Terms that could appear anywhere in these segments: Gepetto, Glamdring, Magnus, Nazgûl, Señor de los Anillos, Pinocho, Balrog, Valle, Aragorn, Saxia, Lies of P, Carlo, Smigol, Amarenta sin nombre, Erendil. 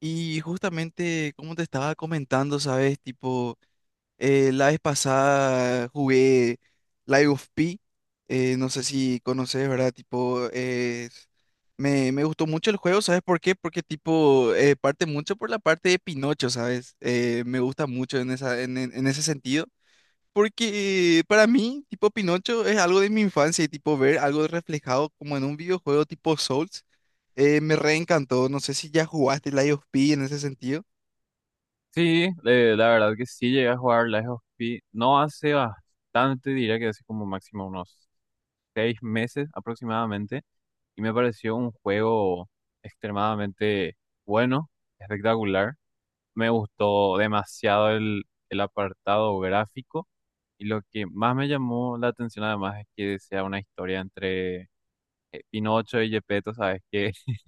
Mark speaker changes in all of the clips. Speaker 1: Y justamente, como te estaba comentando, ¿sabes? Tipo, la vez pasada jugué Live of P, no sé si conoces, ¿verdad? Tipo, me gustó mucho el juego, ¿sabes por qué? Porque, tipo, parte mucho por la parte de Pinocho, ¿sabes? Me gusta mucho en esa, en ese sentido. Porque para mí, tipo, Pinocho es algo de mi infancia y, tipo, ver algo reflejado como en un videojuego tipo Souls me reencantó. No sé si ya jugaste Lies of P en ese sentido.
Speaker 2: Sí, la verdad que sí llegué a jugar Lies of P. No hace bastante, diría que hace como máximo unos 6 meses aproximadamente. Y me pareció un juego extremadamente bueno, espectacular. Me gustó demasiado el apartado gráfico. Y lo que más me llamó la atención además es que sea una historia entre Pinocho y Gepetto, ¿sabes? Que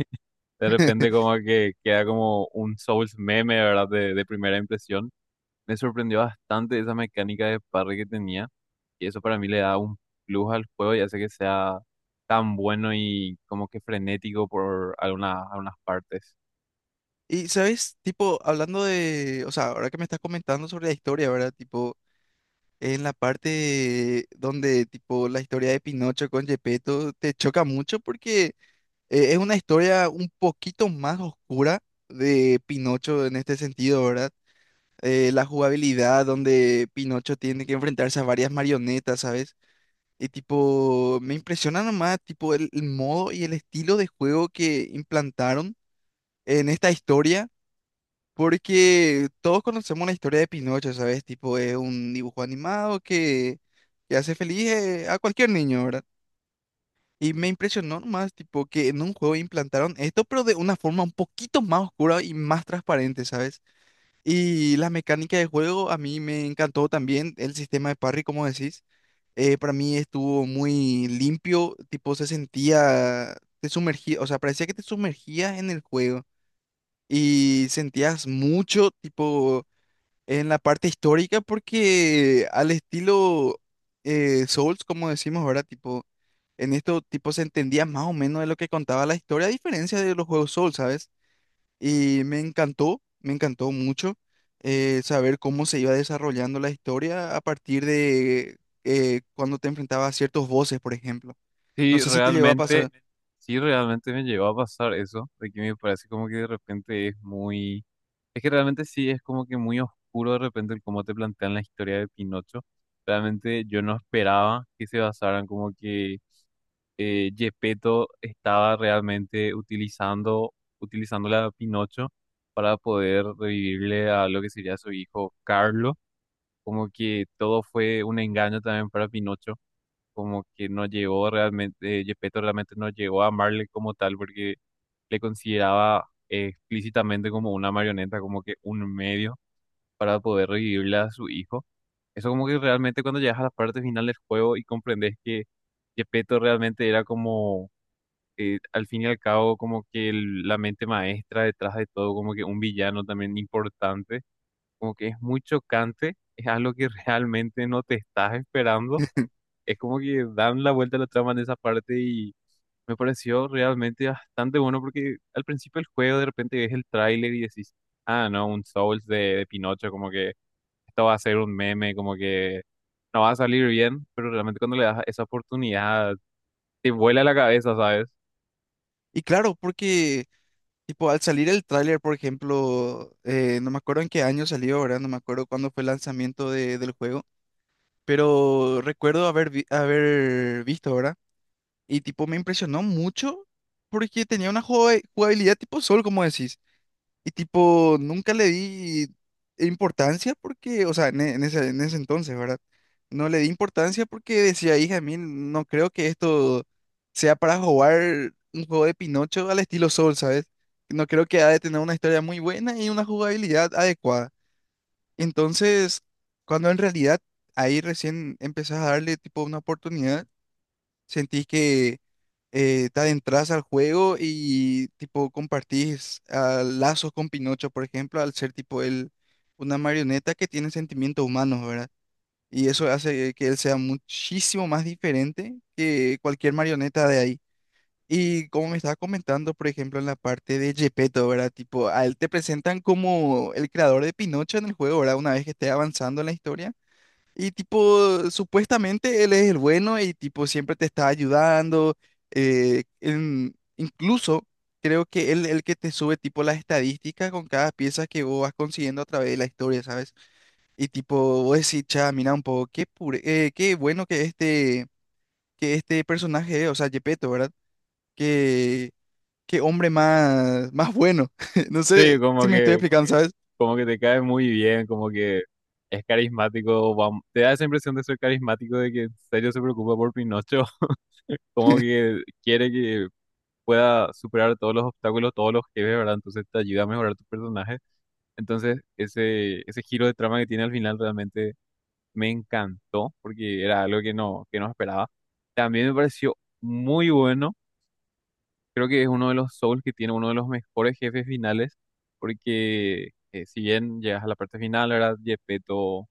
Speaker 2: de repente como que queda como un Souls meme, ¿verdad? De primera impresión me sorprendió bastante esa mecánica de parry que tenía. Y eso para mí le da un plus al juego y hace que sea tan bueno y como que frenético por algunas partes.
Speaker 1: Y, ¿sabes? Tipo, hablando de, o sea, ahora que me estás comentando sobre la historia, ¿verdad? Tipo, en la parte donde, tipo, la historia de Pinocho con Gepetto te choca mucho porque es una historia un poquito más oscura de Pinocho en este sentido, ¿verdad? La jugabilidad donde Pinocho tiene que enfrentarse a varias marionetas, ¿sabes? Y tipo, me impresiona nomás, tipo, el modo y el estilo de juego que implantaron en esta historia. Porque todos conocemos la historia de Pinocho, ¿sabes? Tipo, es un dibujo animado que hace feliz a cualquier niño, ¿verdad? Y me impresionó nomás, tipo, que en un juego implantaron esto, pero de una forma un poquito más oscura y más transparente, ¿sabes? Y la mecánica de juego a mí me encantó también, el sistema de parry, como decís, para mí estuvo muy limpio, tipo, se sentía, te sumergía, o sea, parecía que te sumergías en el juego y sentías mucho, tipo, en la parte histórica porque al estilo Souls, como decimos, ¿verdad? Tipo, en esto tipo se entendía más o menos de lo que contaba la historia, a diferencia de los juegos Souls, ¿sabes? Y me encantó mucho saber cómo se iba desarrollando la historia a partir de cuando te enfrentabas a ciertos voces por ejemplo. No
Speaker 2: Sí,
Speaker 1: sé si te llegó a pasar.
Speaker 2: realmente,
Speaker 1: Totalmente.
Speaker 2: sí, realmente me llegó a pasar eso, de que me parece como que de repente es muy. Es que realmente sí, es como que muy oscuro de repente el cómo te plantean la historia de Pinocho. Realmente yo no esperaba que se basaran como que Gepetto estaba realmente utilizando la Pinocho para poder revivirle a lo que sería su hijo Carlo. Como que todo fue un engaño también para Pinocho, como que no llegó realmente, Gepetto realmente no llegó a amarle como tal porque le consideraba explícitamente como una marioneta, como que un medio para poder revivirle a su hijo. Eso como que realmente cuando llegas a la parte final del juego y comprendes que Gepetto realmente era como al fin y al cabo, como que la mente maestra detrás de todo, como que un villano también importante, como que es muy chocante, es algo que realmente no te estás esperando. Es como que dan la vuelta a la trama en esa parte y me pareció realmente bastante bueno porque al principio del juego de repente ves el tráiler y decís, ah, no, un Souls de Pinocho, como que esto va a ser un meme, como que no va a salir bien, pero realmente cuando le das esa oportunidad te vuela la cabeza, ¿sabes?
Speaker 1: Y claro, porque, tipo, al salir el tráiler, por ejemplo, no me acuerdo en qué año salió, ¿verdad? No me acuerdo cuándo fue el lanzamiento del juego, pero recuerdo haber, haber visto, ¿verdad? Y tipo, me impresionó mucho porque tenía una jugabilidad tipo Sol, como decís. Y tipo, nunca le di importancia porque, o sea, en, en ese entonces, ¿verdad? No le di importancia porque decía, hija, mí no creo que esto sea para jugar un juego de Pinocho al estilo Soul, ¿sabes? No creo que ha de tener una historia muy buena y una jugabilidad adecuada. Entonces, cuando en realidad ahí recién empezás a darle tipo una oportunidad. Sentís que te adentras al juego y tipo compartís ah, lazos con Pinocho, por ejemplo, al ser tipo él una marioneta que tiene sentimientos humanos, ¿verdad? Y eso hace que él sea muchísimo más diferente que cualquier marioneta de ahí. Y como me estaba comentando, por ejemplo, en la parte de Gepetto, ¿verdad? Tipo, a él te presentan como el creador de Pinocho en el juego, ¿verdad? Una vez que esté avanzando en la historia. Y tipo, supuestamente él es el bueno y tipo siempre te está ayudando. Incluso creo que él el que te sube tipo las estadísticas con cada pieza que vos vas consiguiendo a través de la historia, ¿sabes? Y tipo, vos decís, cha, mira un poco, qué qué bueno que este personaje, es, o sea, Gepetto, ¿verdad? Qué, qué hombre más, más bueno. No
Speaker 2: Sí,
Speaker 1: sé si
Speaker 2: como
Speaker 1: me. Sí, estoy
Speaker 2: que
Speaker 1: explicando, sí. ¿Sabes?
Speaker 2: como que te cae muy bien, como que es carismático, te da esa impresión de ser carismático, de que en serio se preocupa por Pinocho, como que quiere que pueda superar todos los obstáculos, todos los jefes, ¿verdad? Entonces te ayuda a mejorar tu personaje. Entonces ese giro de trama que tiene al final realmente me encantó, porque era algo que no esperaba. También me pareció muy bueno. Creo que es uno de los Souls que tiene uno de los mejores jefes finales, porque si bien llegas a la parte final, ¿verdad? Geppetto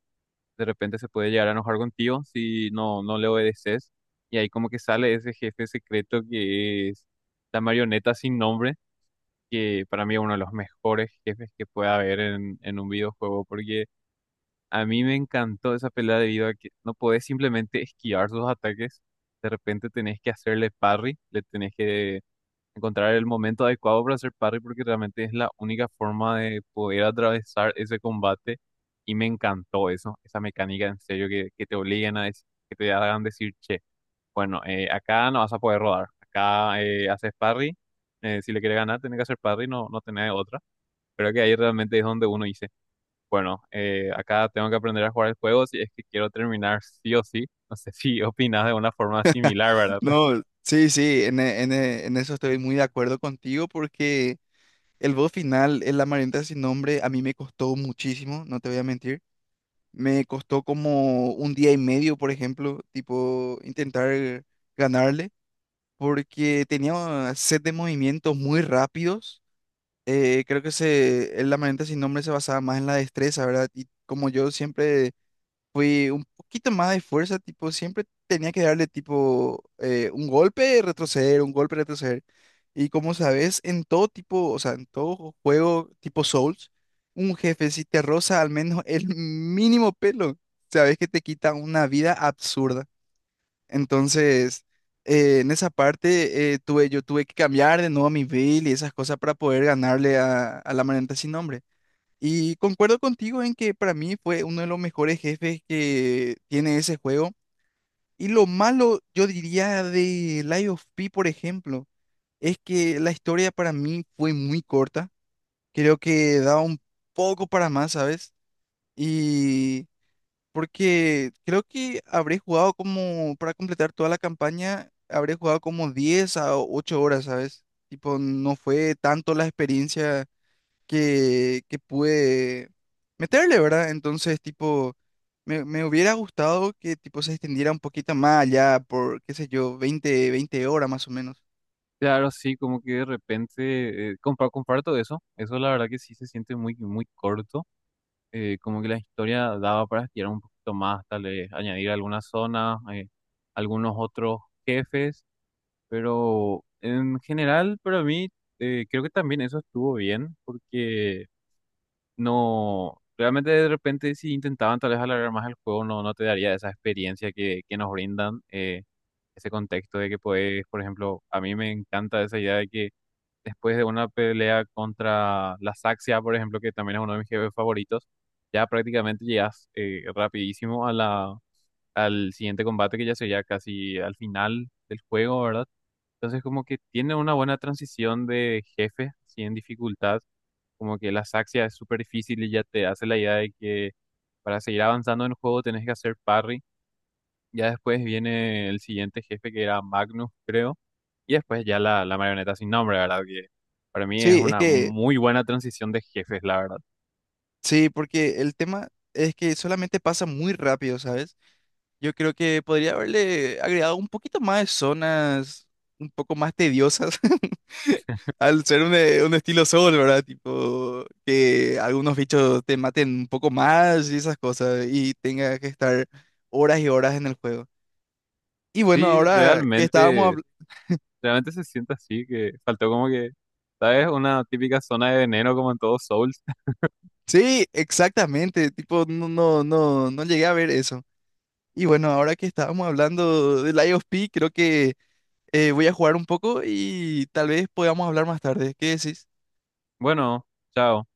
Speaker 2: de repente se puede llegar a enojar contigo si no, no le obedeces. Y ahí como que sale ese jefe secreto que es la marioneta sin nombre, que para mí es uno de los mejores jefes que puede haber en un videojuego, porque a mí me encantó esa pelea debido a que no podés simplemente esquivar sus ataques, de repente tenés que hacerle parry, le tenés que encontrar el momento adecuado para hacer parry porque realmente es la única forma de poder atravesar ese combate y me encantó eso, esa mecánica en serio que te obliguen a decir, que te hagan decir, che, bueno, acá no vas a poder rodar, acá haces parry, si le quieres ganar tenés que hacer parry, no, no tenés otra, pero que ahí realmente es donde uno dice, bueno, acá tengo que aprender a jugar el juego si es que quiero terminar sí o sí, no sé si opinas de una forma similar, ¿verdad?
Speaker 1: No, sí, sí, en, en eso estoy muy de acuerdo contigo porque... el boss final, el Amarenta sin nombre, a mí me costó muchísimo, no te voy a mentir. Me costó como un día y medio, por ejemplo, tipo intentar ganarle, porque tenía set de movimientos muy rápidos. Creo que se, el Amarenta sin nombre se basaba más en la destreza, ¿verdad? Y como yo siempre un poquito más de fuerza, tipo, siempre tenía que darle tipo un golpe, retroceder, un golpe, retroceder. Y como sabes, en todo tipo, o sea, en todo juego tipo Souls, un jefe si te roza al menos el mínimo pelo, sabes que te quita una vida absurda. Entonces, en esa parte yo tuve que cambiar de nuevo a mi build y esas cosas para poder ganarle a la manenta sin nombre. Y concuerdo contigo en que para mí fue uno de los mejores jefes que tiene ese juego. Y lo malo, yo diría, de Lies of P, por ejemplo, es que la historia para mí fue muy corta. Creo que daba un poco para más, ¿sabes? Y porque creo que habré jugado como, para completar toda la campaña, habré jugado como 10 a 8 horas, ¿sabes? Tipo, no fue tanto la experiencia que pude meterle, ¿verdad? Entonces, tipo, me hubiera gustado que, tipo, se extendiera un poquito más allá por, qué sé yo, veinte horas más o menos.
Speaker 2: Claro, sí, como que de repente comparto eso. Eso la verdad que sí se siente muy, muy corto. Como que la historia daba para estirar un poquito más, tal vez añadir algunas zonas, algunos otros jefes. Pero en general, para mí, creo que también eso estuvo bien, porque no, realmente de repente si intentaban tal vez alargar más el juego, no, no te daría esa experiencia que nos brindan. Ese contexto de que puedes, por ejemplo, a mí me encanta esa idea de que después de una pelea contra la Saxia, por ejemplo, que también es uno de mis jefes favoritos, ya prácticamente llegas rapidísimo a al siguiente combate que ya sería casi al final del juego, ¿verdad? Entonces como que tiene una buena transición de jefe, así en dificultad, como que la Saxia es súper difícil y ya te hace la idea de que para seguir avanzando en el juego tenés que hacer parry. Ya después viene el siguiente jefe que era Magnus, creo. Y después ya la marioneta sin nombre, ¿verdad? Que para mí es
Speaker 1: Sí, es
Speaker 2: una
Speaker 1: que,
Speaker 2: muy buena transición de jefes, la verdad.
Speaker 1: sí, porque el tema es que solamente pasa muy rápido, ¿sabes? Yo creo que podría haberle agregado un poquito más de zonas un poco más tediosas al ser un estilo Soul, ¿verdad? Tipo, que algunos bichos te maten un poco más y esas cosas y tengas que estar horas y horas en el juego. Y bueno,
Speaker 2: Sí,
Speaker 1: ahora que estábamos
Speaker 2: realmente,
Speaker 1: hablando...
Speaker 2: realmente se siente así, que faltó como que, ¿sabes? Una típica zona de veneno como en todos Souls.
Speaker 1: Sí, exactamente, tipo, no, no, no, no llegué a ver eso. Y bueno, ahora que estábamos hablando del IOP, creo que voy a jugar un poco y tal vez podamos hablar más tarde. ¿Qué decís?
Speaker 2: Bueno, chao.